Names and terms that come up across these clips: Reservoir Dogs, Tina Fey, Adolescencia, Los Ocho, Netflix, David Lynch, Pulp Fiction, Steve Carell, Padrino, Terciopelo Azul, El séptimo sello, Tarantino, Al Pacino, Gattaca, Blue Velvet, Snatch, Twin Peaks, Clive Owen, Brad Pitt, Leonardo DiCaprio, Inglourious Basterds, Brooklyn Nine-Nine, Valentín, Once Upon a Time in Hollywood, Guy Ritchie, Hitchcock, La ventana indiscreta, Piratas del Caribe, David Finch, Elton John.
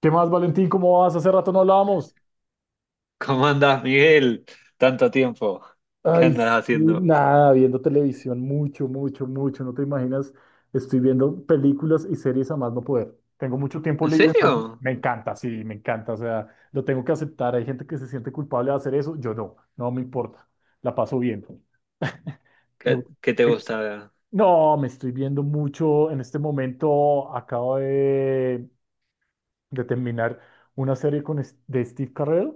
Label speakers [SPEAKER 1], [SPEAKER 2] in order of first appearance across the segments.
[SPEAKER 1] ¿Qué más, Valentín? ¿Cómo vas? Hace rato no hablábamos.
[SPEAKER 2] ¿Cómo andás, Miguel? Tanto tiempo. ¿Qué
[SPEAKER 1] Ay, sí,
[SPEAKER 2] andas haciendo?
[SPEAKER 1] nada, viendo televisión mucho, mucho, mucho, no te imaginas, estoy viendo películas y series a más no poder. Tengo mucho tiempo
[SPEAKER 2] ¿En
[SPEAKER 1] libre, pues
[SPEAKER 2] serio?
[SPEAKER 1] me encanta, sí, me encanta. O sea, lo tengo que aceptar. Hay gente que se siente culpable de hacer eso. Yo no, no me importa. La paso bien. Me
[SPEAKER 2] ¿Qué,
[SPEAKER 1] gu-
[SPEAKER 2] qué te
[SPEAKER 1] eh,
[SPEAKER 2] gusta?
[SPEAKER 1] no, me estoy viendo mucho. En este momento acabo de, terminar una serie con, es- de Steve Carell,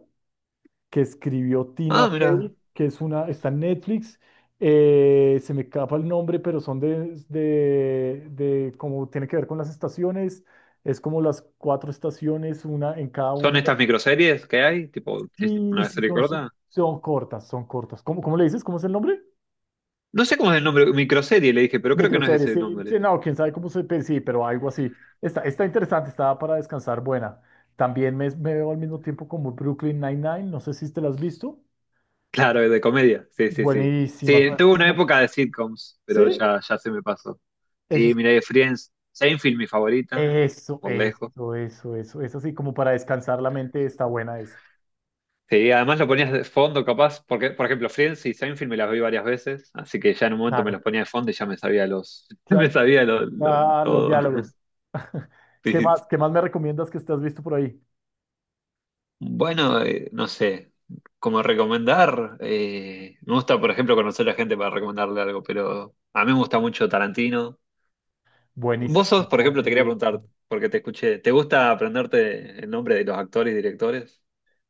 [SPEAKER 1] que escribió Tina
[SPEAKER 2] Ah, mira.
[SPEAKER 1] Fey, que es una, está en Netflix. Se me escapa el nombre, pero son de, como tiene que ver con las estaciones. Es como las cuatro estaciones, una en cada
[SPEAKER 2] ¿Son
[SPEAKER 1] una.
[SPEAKER 2] estas microseries que hay? Tipo, es
[SPEAKER 1] Sí,
[SPEAKER 2] una
[SPEAKER 1] sí,
[SPEAKER 2] serie
[SPEAKER 1] son, su-
[SPEAKER 2] corta.
[SPEAKER 1] son cortas, son cortas. ¿Cómo, cómo le dices? ¿Cómo es el nombre?
[SPEAKER 2] No sé cómo es el nombre, microserie le dije, pero creo que no es
[SPEAKER 1] Microseries.
[SPEAKER 2] ese
[SPEAKER 1] Sí, sí,
[SPEAKER 2] nombre.
[SPEAKER 1] no, quién sabe cómo se pe- sí, pero algo así. Está, está interesante, está para descansar, buena. También me veo al mismo tiempo como Brooklyn Nine-Nine, no sé si te la has visto.
[SPEAKER 2] Claro, es de comedia. Sí, sí, sí.
[SPEAKER 1] Buenísima,
[SPEAKER 2] Sí,
[SPEAKER 1] ¿sabes?
[SPEAKER 2] tuve una
[SPEAKER 1] Como,
[SPEAKER 2] época de sitcoms, pero
[SPEAKER 1] sí.
[SPEAKER 2] ya, ya se me pasó.
[SPEAKER 1] Eso
[SPEAKER 2] Sí,
[SPEAKER 1] es,
[SPEAKER 2] miré Friends. Seinfeld, mi favorita,
[SPEAKER 1] eso,
[SPEAKER 2] por lejos.
[SPEAKER 1] eso, eso, eso, eso sí, como para descansar la mente está buena eso.
[SPEAKER 2] Sí, además lo ponías de fondo, capaz, porque, por ejemplo, Friends y Seinfeld me las vi varias veces, así que ya en un momento me
[SPEAKER 1] Claro.
[SPEAKER 2] los ponía de fondo y ya me sabía los, me
[SPEAKER 1] Claro,
[SPEAKER 2] sabía
[SPEAKER 1] ah, los
[SPEAKER 2] todo.
[SPEAKER 1] diálogos. ¿Qué más?
[SPEAKER 2] Sí.
[SPEAKER 1] ¿Qué más me recomiendas que estás visto por ahí?
[SPEAKER 2] Bueno, no sé, como recomendar, me gusta, por ejemplo, conocer a gente para recomendarle algo, pero a mí me gusta mucho Tarantino. Vos sos, por
[SPEAKER 1] Buenísimo.
[SPEAKER 2] ejemplo, te quería preguntar, porque te escuché, ¿te gusta aprenderte el nombre de los actores y directores?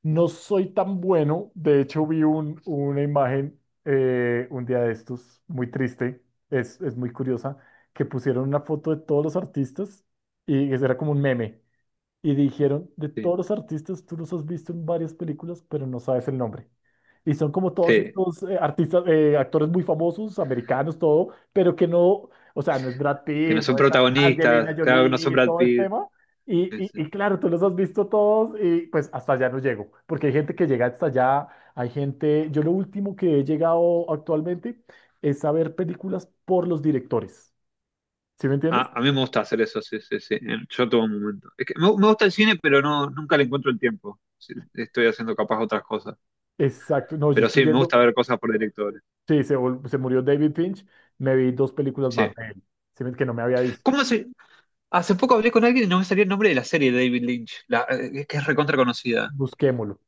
[SPEAKER 1] No soy tan bueno. De hecho, vi un, una imagen un día de estos, muy triste, es muy curiosa, que pusieron una foto de todos los artistas y eso era como un meme. Y dijeron, de
[SPEAKER 2] Sí.
[SPEAKER 1] todos los artistas, tú los has visto en varias películas, pero no sabes el nombre. Y son como todos
[SPEAKER 2] Sí,
[SPEAKER 1] estos artistas, actores muy famosos, americanos, todo, pero que no, o sea, no es Brad
[SPEAKER 2] que no
[SPEAKER 1] Pitt,
[SPEAKER 2] son
[SPEAKER 1] no es Angelina
[SPEAKER 2] protagonistas, claro que no son
[SPEAKER 1] Jolie,
[SPEAKER 2] Brad
[SPEAKER 1] todo este
[SPEAKER 2] Pitt.
[SPEAKER 1] tema. Y claro, tú los has visto todos y pues hasta allá no llego, porque hay gente que llega hasta allá, hay gente, yo lo último que he llegado actualmente es a ver películas por los directores, ¿sí me entiendes?
[SPEAKER 2] Ah, a mí me gusta hacer eso, sí, sí, sí. Yo todo momento. Es que me gusta el cine, pero no, nunca le encuentro el tiempo. Sí, estoy haciendo capaz otras cosas.
[SPEAKER 1] Exacto, no, yo
[SPEAKER 2] Pero
[SPEAKER 1] estoy
[SPEAKER 2] sí, me
[SPEAKER 1] viendo.
[SPEAKER 2] gusta ver cosas por directores.
[SPEAKER 1] Sí, se, vol- se murió David Finch. Me vi dos películas
[SPEAKER 2] Sí.
[SPEAKER 1] más de él, ¿sí? ¿Ves? Que no me había visto.
[SPEAKER 2] ¿Cómo se...? Hace poco hablé con alguien y no me salía el nombre de la serie de David Lynch, la, que es recontra conocida.
[SPEAKER 1] Busquémoslo,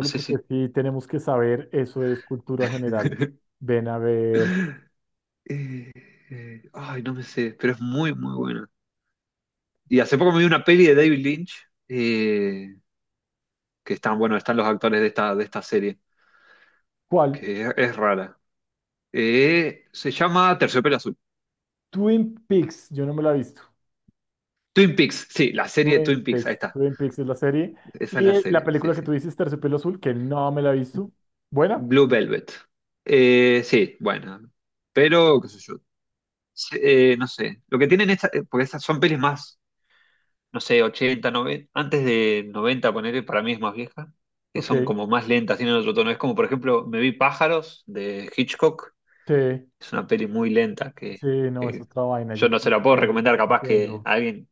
[SPEAKER 2] No sé
[SPEAKER 1] porque
[SPEAKER 2] si...
[SPEAKER 1] sí tenemos que saber, eso es cultura general. Ven a ver,
[SPEAKER 2] Eh, ay, no me sé, pero es muy, muy buena. Y hace poco me vi una peli de David Lynch, eh, que están, bueno, están los actores de esta, serie,
[SPEAKER 1] ¿cuál?
[SPEAKER 2] que es rara. Se llama Terciopelo Azul.
[SPEAKER 1] Twin Peaks, yo no me la he visto.
[SPEAKER 2] Twin Peaks, sí, la serie de
[SPEAKER 1] Twin
[SPEAKER 2] Twin Peaks, ahí
[SPEAKER 1] Peaks,
[SPEAKER 2] está.
[SPEAKER 1] Twin Peaks es la serie.
[SPEAKER 2] Esa es
[SPEAKER 1] Y
[SPEAKER 2] la
[SPEAKER 1] la
[SPEAKER 2] serie, sí,
[SPEAKER 1] película que tú
[SPEAKER 2] sí.
[SPEAKER 1] dices, Terciopelo Azul, que no me la he visto. ¿Buena?
[SPEAKER 2] Blue Velvet. Sí, bueno. Pero, qué sé
[SPEAKER 1] Ah,
[SPEAKER 2] yo. Sí, no sé. Lo que tienen estas, porque estas son pelis más, no sé, 80, 90, antes de 90 poner para mí es más vieja, que
[SPEAKER 1] ok,
[SPEAKER 2] son como más lentas, tienen otro tono. Es como, por ejemplo, me vi Pájaros de Hitchcock.
[SPEAKER 1] sí,
[SPEAKER 2] Es una peli muy lenta que,
[SPEAKER 1] sí, no, es
[SPEAKER 2] que
[SPEAKER 1] otra vaina,
[SPEAKER 2] yo
[SPEAKER 1] yo te
[SPEAKER 2] no se la puedo
[SPEAKER 1] entiendo, te
[SPEAKER 2] recomendar, capaz que
[SPEAKER 1] entiendo.
[SPEAKER 2] a alguien,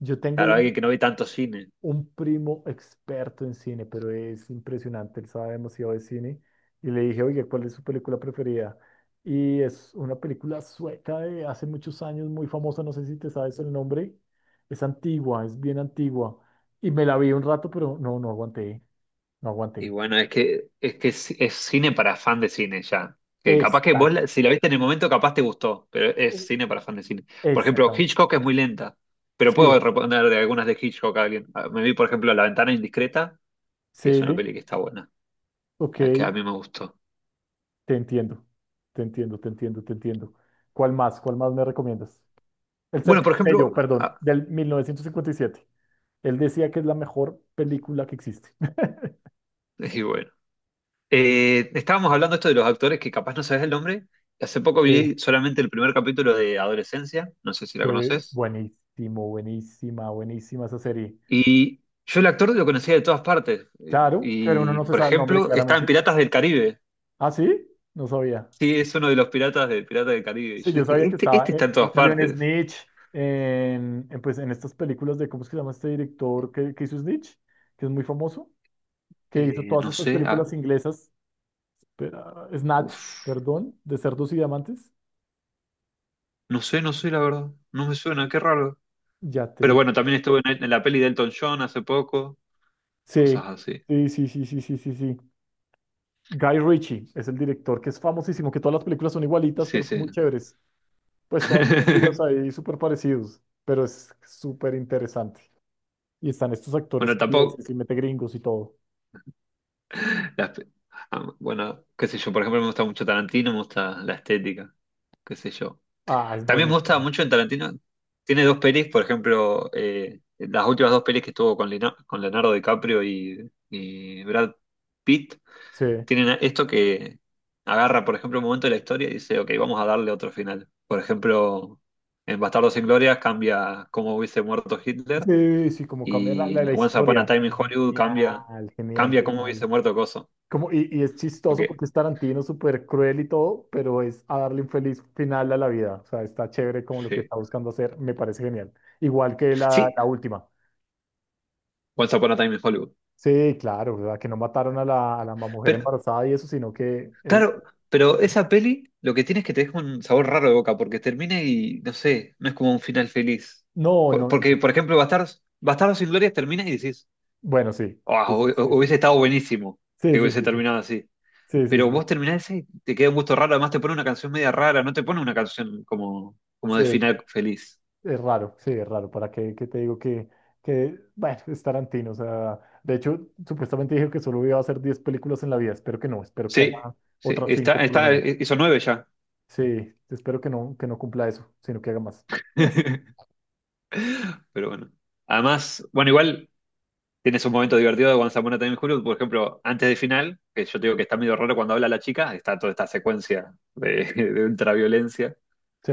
[SPEAKER 1] Yo tengo
[SPEAKER 2] claro, a alguien que no ve tanto cine.
[SPEAKER 1] un primo experto en cine, pero es impresionante, él sabe demasiado de cine. Y le dije, oye, ¿cuál es su película preferida? Y es una película sueca de hace muchos años, muy famosa, no sé si te sabes el nombre. Es antigua, es bien antigua. Y me la vi un rato, pero no, no aguanté, no
[SPEAKER 2] Y
[SPEAKER 1] aguanté.
[SPEAKER 2] bueno, es que es cine para fan de cine ya. Que capaz que vos,
[SPEAKER 1] Exacto,
[SPEAKER 2] si la viste en el momento, capaz te gustó, pero es cine para fan de cine. Por ejemplo,
[SPEAKER 1] exactamente.
[SPEAKER 2] Hitchcock es muy lenta, pero puedo
[SPEAKER 1] Sí,
[SPEAKER 2] responder de algunas de Hitchcock a alguien. Ah, me vi, por ejemplo, La ventana indiscreta, y es una
[SPEAKER 1] sí,
[SPEAKER 2] peli que está buena,
[SPEAKER 1] ok,
[SPEAKER 2] ah, que a mí
[SPEAKER 1] te
[SPEAKER 2] me gustó.
[SPEAKER 1] entiendo, te entiendo, te entiendo, te entiendo. ¿Cuál más? ¿Cuál más me recomiendas? El
[SPEAKER 2] Bueno, por
[SPEAKER 1] séptimo
[SPEAKER 2] ejemplo,
[SPEAKER 1] sello, perdón, del 1957. Él decía que es la mejor película que existe.
[SPEAKER 2] y bueno, estábamos hablando esto de los actores que capaz no sabes el nombre. Hace poco
[SPEAKER 1] Sí,
[SPEAKER 2] vi solamente el primer capítulo de Adolescencia, no sé si la
[SPEAKER 1] sí,
[SPEAKER 2] conoces.
[SPEAKER 1] buenísimo, buenísima, buenísima esa serie.
[SPEAKER 2] Y yo el actor lo conocía de todas partes.
[SPEAKER 1] Claro, pero uno
[SPEAKER 2] Y,
[SPEAKER 1] no se
[SPEAKER 2] por
[SPEAKER 1] sabe el nombre
[SPEAKER 2] ejemplo, está en
[SPEAKER 1] claramente.
[SPEAKER 2] Piratas del Caribe.
[SPEAKER 1] Ah, sí, no sabía.
[SPEAKER 2] Sí, es uno de los piratas de Piratas del Caribe. Y
[SPEAKER 1] Sí,
[SPEAKER 2] yo
[SPEAKER 1] yo
[SPEAKER 2] dije,
[SPEAKER 1] sabía que
[SPEAKER 2] este,
[SPEAKER 1] estaba,
[SPEAKER 2] este está en
[SPEAKER 1] él
[SPEAKER 2] todas
[SPEAKER 1] salió en
[SPEAKER 2] partes.
[SPEAKER 1] Snitch, en, pues, en estas películas de, ¿cómo es que se llama este director que hizo Snitch? Que es muy famoso, que hizo
[SPEAKER 2] Eh,
[SPEAKER 1] todas
[SPEAKER 2] no
[SPEAKER 1] estas
[SPEAKER 2] sé,
[SPEAKER 1] películas inglesas, pero, ah, Snatch,
[SPEAKER 2] uf,
[SPEAKER 1] perdón, de Cerdos y Diamantes.
[SPEAKER 2] no sé, no sé, la verdad. No me suena, qué raro.
[SPEAKER 1] Ya
[SPEAKER 2] Pero
[SPEAKER 1] te
[SPEAKER 2] bueno, también estuvo en, la peli de Elton John hace poco. Cosas
[SPEAKER 1] sí,
[SPEAKER 2] así.
[SPEAKER 1] sí, sí, sí, sí, sí, sí, sí. Guy Ritchie es el director que es famosísimo, que todas las películas son igualitas,
[SPEAKER 2] Sí,
[SPEAKER 1] pero son
[SPEAKER 2] sí.
[SPEAKER 1] muy chéveres. Pues todas tienen giros ahí súper parecidos, pero es súper interesante. Y están estos actores
[SPEAKER 2] Bueno, tampoco.
[SPEAKER 1] ingleses y mete gringos y todo.
[SPEAKER 2] las pe- bueno, qué sé yo, por ejemplo, me gusta mucho Tarantino, me gusta la estética. Qué sé yo.
[SPEAKER 1] Ah, es
[SPEAKER 2] También me gusta
[SPEAKER 1] buenísimo.
[SPEAKER 2] mucho en Tarantino. Tiene dos pelis, por ejemplo, las últimas dos pelis que estuvo con Leonardo DiCaprio y Brad Pitt,
[SPEAKER 1] Sí,
[SPEAKER 2] tienen esto que agarra, por ejemplo, un momento de la historia y dice, ok, vamos a darle otro final. Por ejemplo, en Bastardos sin Gloria cambia cómo hubiese muerto Hitler
[SPEAKER 1] sí, sí, como cambia la,
[SPEAKER 2] y
[SPEAKER 1] la,
[SPEAKER 2] en
[SPEAKER 1] la
[SPEAKER 2] Once Upon a
[SPEAKER 1] historia.
[SPEAKER 2] Time in Hollywood
[SPEAKER 1] Genial,
[SPEAKER 2] cambia,
[SPEAKER 1] genial,
[SPEAKER 2] cambia cómo
[SPEAKER 1] genial.
[SPEAKER 2] hubiese muerto Coso.
[SPEAKER 1] Como, y es
[SPEAKER 2] Ok,
[SPEAKER 1] chistoso porque es Tarantino, súper cruel y todo, pero es a darle un feliz final a la vida. O sea, está chévere como lo que
[SPEAKER 2] sí.
[SPEAKER 1] está buscando hacer, me parece genial. Igual que la,
[SPEAKER 2] Sí,
[SPEAKER 1] la última.
[SPEAKER 2] Once Upon a Time in Hollywood.
[SPEAKER 1] Sí, claro, ¿verdad? Que no mataron a la mujer
[SPEAKER 2] Pero
[SPEAKER 1] embarazada y eso, sino que él...
[SPEAKER 2] claro, pero esa peli lo que tiene es que te deja un sabor raro de boca porque termina y no sé, no es como un final feliz.
[SPEAKER 1] No,
[SPEAKER 2] Por-
[SPEAKER 1] no, no.
[SPEAKER 2] porque, por ejemplo, Bastardos sin Gloria termina y decís,
[SPEAKER 1] Bueno, sí.
[SPEAKER 2] "Ah,
[SPEAKER 1] Sí, sí,
[SPEAKER 2] hubiese
[SPEAKER 1] sí.
[SPEAKER 2] estado buenísimo
[SPEAKER 1] Sí,
[SPEAKER 2] que
[SPEAKER 1] sí,
[SPEAKER 2] hubiese
[SPEAKER 1] sí.
[SPEAKER 2] terminado así.
[SPEAKER 1] Sí, sí, sí. Sí,
[SPEAKER 2] Pero vos
[SPEAKER 1] sí,
[SPEAKER 2] terminás ese y te queda un gusto raro, además te pone una canción media rara, no te pone una canción como de
[SPEAKER 1] sí.
[SPEAKER 2] final feliz.
[SPEAKER 1] Es raro, sí, es raro. ¿Para qué, qué te digo que, bueno, es Tarantino? O sea, de hecho, supuestamente dijo que solo iba a hacer 10 películas en la vida. Espero que no, espero que
[SPEAKER 2] Sí,
[SPEAKER 1] haga
[SPEAKER 2] sí,
[SPEAKER 1] otras 5 por lo menos.
[SPEAKER 2] hizo nueve ya.
[SPEAKER 1] Sí, espero que no cumpla eso, sino que haga más.
[SPEAKER 2] Pero bueno. Además, bueno, igual. Tienes un momento divertido de Juan Zamora también Julio, por ejemplo, antes del final, que yo te digo que está medio raro cuando habla la chica, está toda esta secuencia de, de ultraviolencia,
[SPEAKER 1] Sí,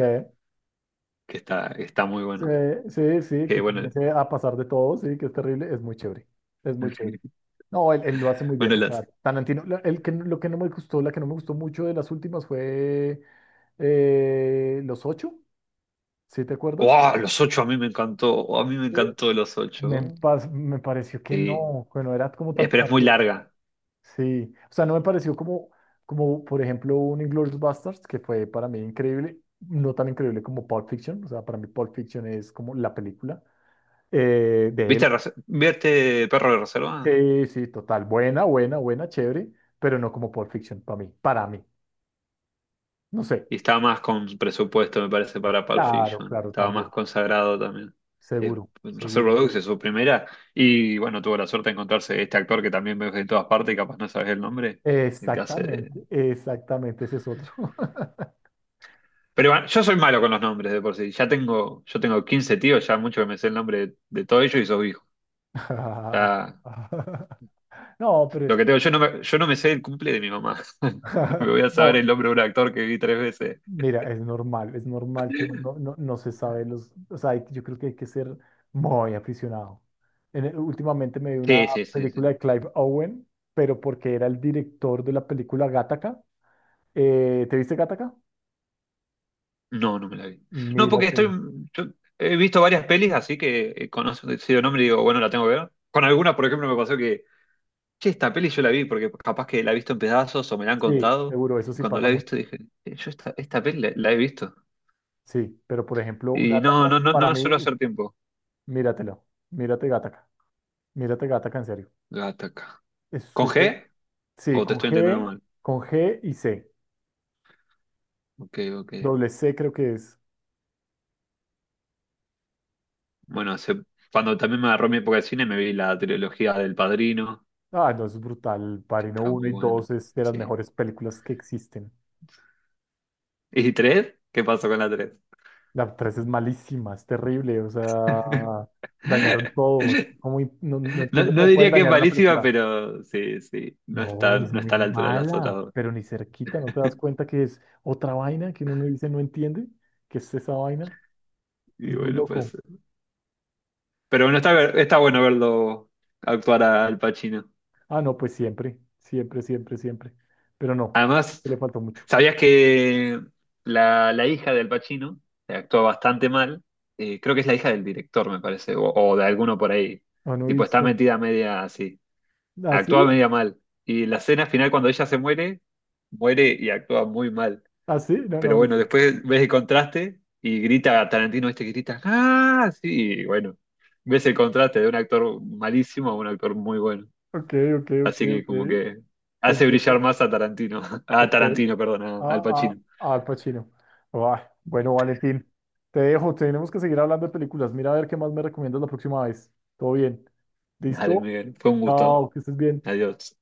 [SPEAKER 2] que está muy
[SPEAKER 1] sí,
[SPEAKER 2] bueno.
[SPEAKER 1] sí, sí,
[SPEAKER 2] Que
[SPEAKER 1] que
[SPEAKER 2] bueno,
[SPEAKER 1] comience a pasar de todo, sí, que es terrible, es muy chévere, es muy chévere. No, él lo hace muy
[SPEAKER 2] bueno,
[SPEAKER 1] bien, o sea,
[SPEAKER 2] las.
[SPEAKER 1] Tarantino, la- el que, lo que no me gustó, la que no me gustó mucho de las últimas fue Los Ocho, ¿sí te acuerdas?
[SPEAKER 2] ¡Wow! Los ocho a mí me encantó. A mí me encantó los
[SPEAKER 1] Me,
[SPEAKER 2] ocho.
[SPEAKER 1] pas- me pareció
[SPEAKER 2] Sí.
[SPEAKER 1] que no era como
[SPEAKER 2] Eh,
[SPEAKER 1] tan
[SPEAKER 2] pero es muy
[SPEAKER 1] Tarantino.
[SPEAKER 2] larga.
[SPEAKER 1] Sí, o sea, no me pareció como, como por ejemplo, un Inglourious Basterds, que fue para mí increíble, no tan increíble como Pulp Fiction, o sea, para mí Pulp Fiction es como la película de
[SPEAKER 2] ¿Viste,
[SPEAKER 1] él.
[SPEAKER 2] Res- ¿Viste Perro de Reserva?
[SPEAKER 1] Sí, sí, total, buena, buena, buena, chévere, pero no como Pulp Fiction para mí, no sé.
[SPEAKER 2] Y estaba más con presupuesto, me parece, para Pulp
[SPEAKER 1] Claro,
[SPEAKER 2] Fiction.
[SPEAKER 1] claro,
[SPEAKER 2] Estaba más
[SPEAKER 1] también,
[SPEAKER 2] consagrado también.
[SPEAKER 1] seguro, seguro,
[SPEAKER 2] Reservoir Dogs
[SPEAKER 1] seguro.
[SPEAKER 2] es su primera. Y bueno, tuvo la suerte de encontrarse este actor que también ves en todas partes y capaz no sabes el nombre. El que hace de-
[SPEAKER 1] Exactamente, exactamente, ese es otro.
[SPEAKER 2] Pero bueno, yo soy malo con los nombres de por sí. Yo tengo 15 tíos, ya mucho que me sé el nombre de todos ellos y sos hijo. Ya,
[SPEAKER 1] No, pero es
[SPEAKER 2] lo que tengo,
[SPEAKER 1] que
[SPEAKER 2] yo no me sé el cumple de mi mamá. Me voy a saber el
[SPEAKER 1] No,
[SPEAKER 2] nombre de un actor que vi tres veces.
[SPEAKER 1] mira, es normal que uno no, no se sabe los, o sea, hay- yo creo que hay que ser muy aficionado. En el- últimamente me vi una
[SPEAKER 2] Sí, sí, sí,
[SPEAKER 1] película
[SPEAKER 2] sí.
[SPEAKER 1] de Clive Owen, pero porque era el director de la película Gattaca. ¿Te viste Gattaca?
[SPEAKER 2] No, no me la vi. No, porque estoy.
[SPEAKER 1] Mírate.
[SPEAKER 2] Yo he visto varias pelis, así que conozco decido nombre y digo, bueno, la tengo que ver. Con algunas, por ejemplo, me pasó que, che, esta peli yo la vi, porque capaz que la he visto en pedazos o me la han
[SPEAKER 1] Sí,
[SPEAKER 2] contado.
[SPEAKER 1] seguro, eso
[SPEAKER 2] Y
[SPEAKER 1] sí
[SPEAKER 2] cuando
[SPEAKER 1] pasa
[SPEAKER 2] la he
[SPEAKER 1] mucho.
[SPEAKER 2] visto dije, "Yo esta peli la he visto.
[SPEAKER 1] Sí, pero por ejemplo,
[SPEAKER 2] Y no,
[SPEAKER 1] Gattaca
[SPEAKER 2] no, no,
[SPEAKER 1] para
[SPEAKER 2] no
[SPEAKER 1] mí,
[SPEAKER 2] suelo
[SPEAKER 1] uf,
[SPEAKER 2] hacer tiempo.
[SPEAKER 1] míratelo, mírate Gattaca en serio.
[SPEAKER 2] Gattaca.
[SPEAKER 1] Es
[SPEAKER 2] ¿Con
[SPEAKER 1] súper,
[SPEAKER 2] G?
[SPEAKER 1] sí,
[SPEAKER 2] ¿O te estoy entendiendo mal?
[SPEAKER 1] Con G y C,
[SPEAKER 2] Ok, ok.
[SPEAKER 1] doble C creo que es.
[SPEAKER 2] Bueno, cuando también me agarró mi época de cine, me vi la trilogía del Padrino,
[SPEAKER 1] Ah, no, es brutal.
[SPEAKER 2] que
[SPEAKER 1] Padrino
[SPEAKER 2] estaba
[SPEAKER 1] uno
[SPEAKER 2] muy
[SPEAKER 1] y
[SPEAKER 2] buena.
[SPEAKER 1] 2 es de las
[SPEAKER 2] Sí.
[SPEAKER 1] mejores películas que existen.
[SPEAKER 2] ¿Y tres? ¿Qué pasó con la tres?
[SPEAKER 1] La 3 es malísima, es terrible. O sea, dañaron todo, es como im- no, no
[SPEAKER 2] No,
[SPEAKER 1] entiendo
[SPEAKER 2] no
[SPEAKER 1] cómo pueden
[SPEAKER 2] diría que es
[SPEAKER 1] dañar una
[SPEAKER 2] malísima,
[SPEAKER 1] película.
[SPEAKER 2] pero sí, sí, no está,
[SPEAKER 1] No, es
[SPEAKER 2] no
[SPEAKER 1] muy
[SPEAKER 2] está a la altura de las otras
[SPEAKER 1] mala,
[SPEAKER 2] dos.
[SPEAKER 1] pero ni cerquita. ¿No te das cuenta que es otra vaina que uno no dice, no entiende? ¿Qué es esa vaina?
[SPEAKER 2] Y
[SPEAKER 1] Es muy
[SPEAKER 2] bueno, pues.
[SPEAKER 1] loco.
[SPEAKER 2] Pero bueno, está bueno verlo actuar a Al Pacino.
[SPEAKER 1] Ah, no, pues siempre, siempre, siempre, siempre. Pero no,
[SPEAKER 2] Además,
[SPEAKER 1] este le faltó mucho.
[SPEAKER 2] ¿sabías que la hija de Al Pacino actúa bastante mal? Creo que es la hija del director, me parece, o de alguno por ahí.
[SPEAKER 1] No, no he
[SPEAKER 2] Tipo, está
[SPEAKER 1] visto.
[SPEAKER 2] metida media así.
[SPEAKER 1] ¿Así?
[SPEAKER 2] Actúa media mal. Y la escena final, cuando ella se muere, muere y actúa muy mal.
[SPEAKER 1] ¿Así? No, no
[SPEAKER 2] Pero
[SPEAKER 1] he
[SPEAKER 2] bueno,
[SPEAKER 1] visto.
[SPEAKER 2] después ves el contraste y grita Tarantino este que grita, ¡ah! Sí, y bueno, ves el contraste de un actor malísimo a un actor muy bueno.
[SPEAKER 1] Ok, ok, ok,
[SPEAKER 2] Así que
[SPEAKER 1] ok.
[SPEAKER 2] como que
[SPEAKER 1] Te
[SPEAKER 2] hace brillar
[SPEAKER 1] entiendo.
[SPEAKER 2] más a Tarantino, a
[SPEAKER 1] Ok.
[SPEAKER 2] Tarantino, perdón, al
[SPEAKER 1] Ah,
[SPEAKER 2] Pacino.
[SPEAKER 1] ah, Al Pacino. Ay, bueno, Valentín, te dejo. Tenemos que seguir hablando de películas. Mira a ver qué más me recomiendas la próxima vez. Todo bien.
[SPEAKER 2] Dale,
[SPEAKER 1] ¿Listo?
[SPEAKER 2] Miguel, fue un gusto.
[SPEAKER 1] Chao, que estés bien.
[SPEAKER 2] Adiós.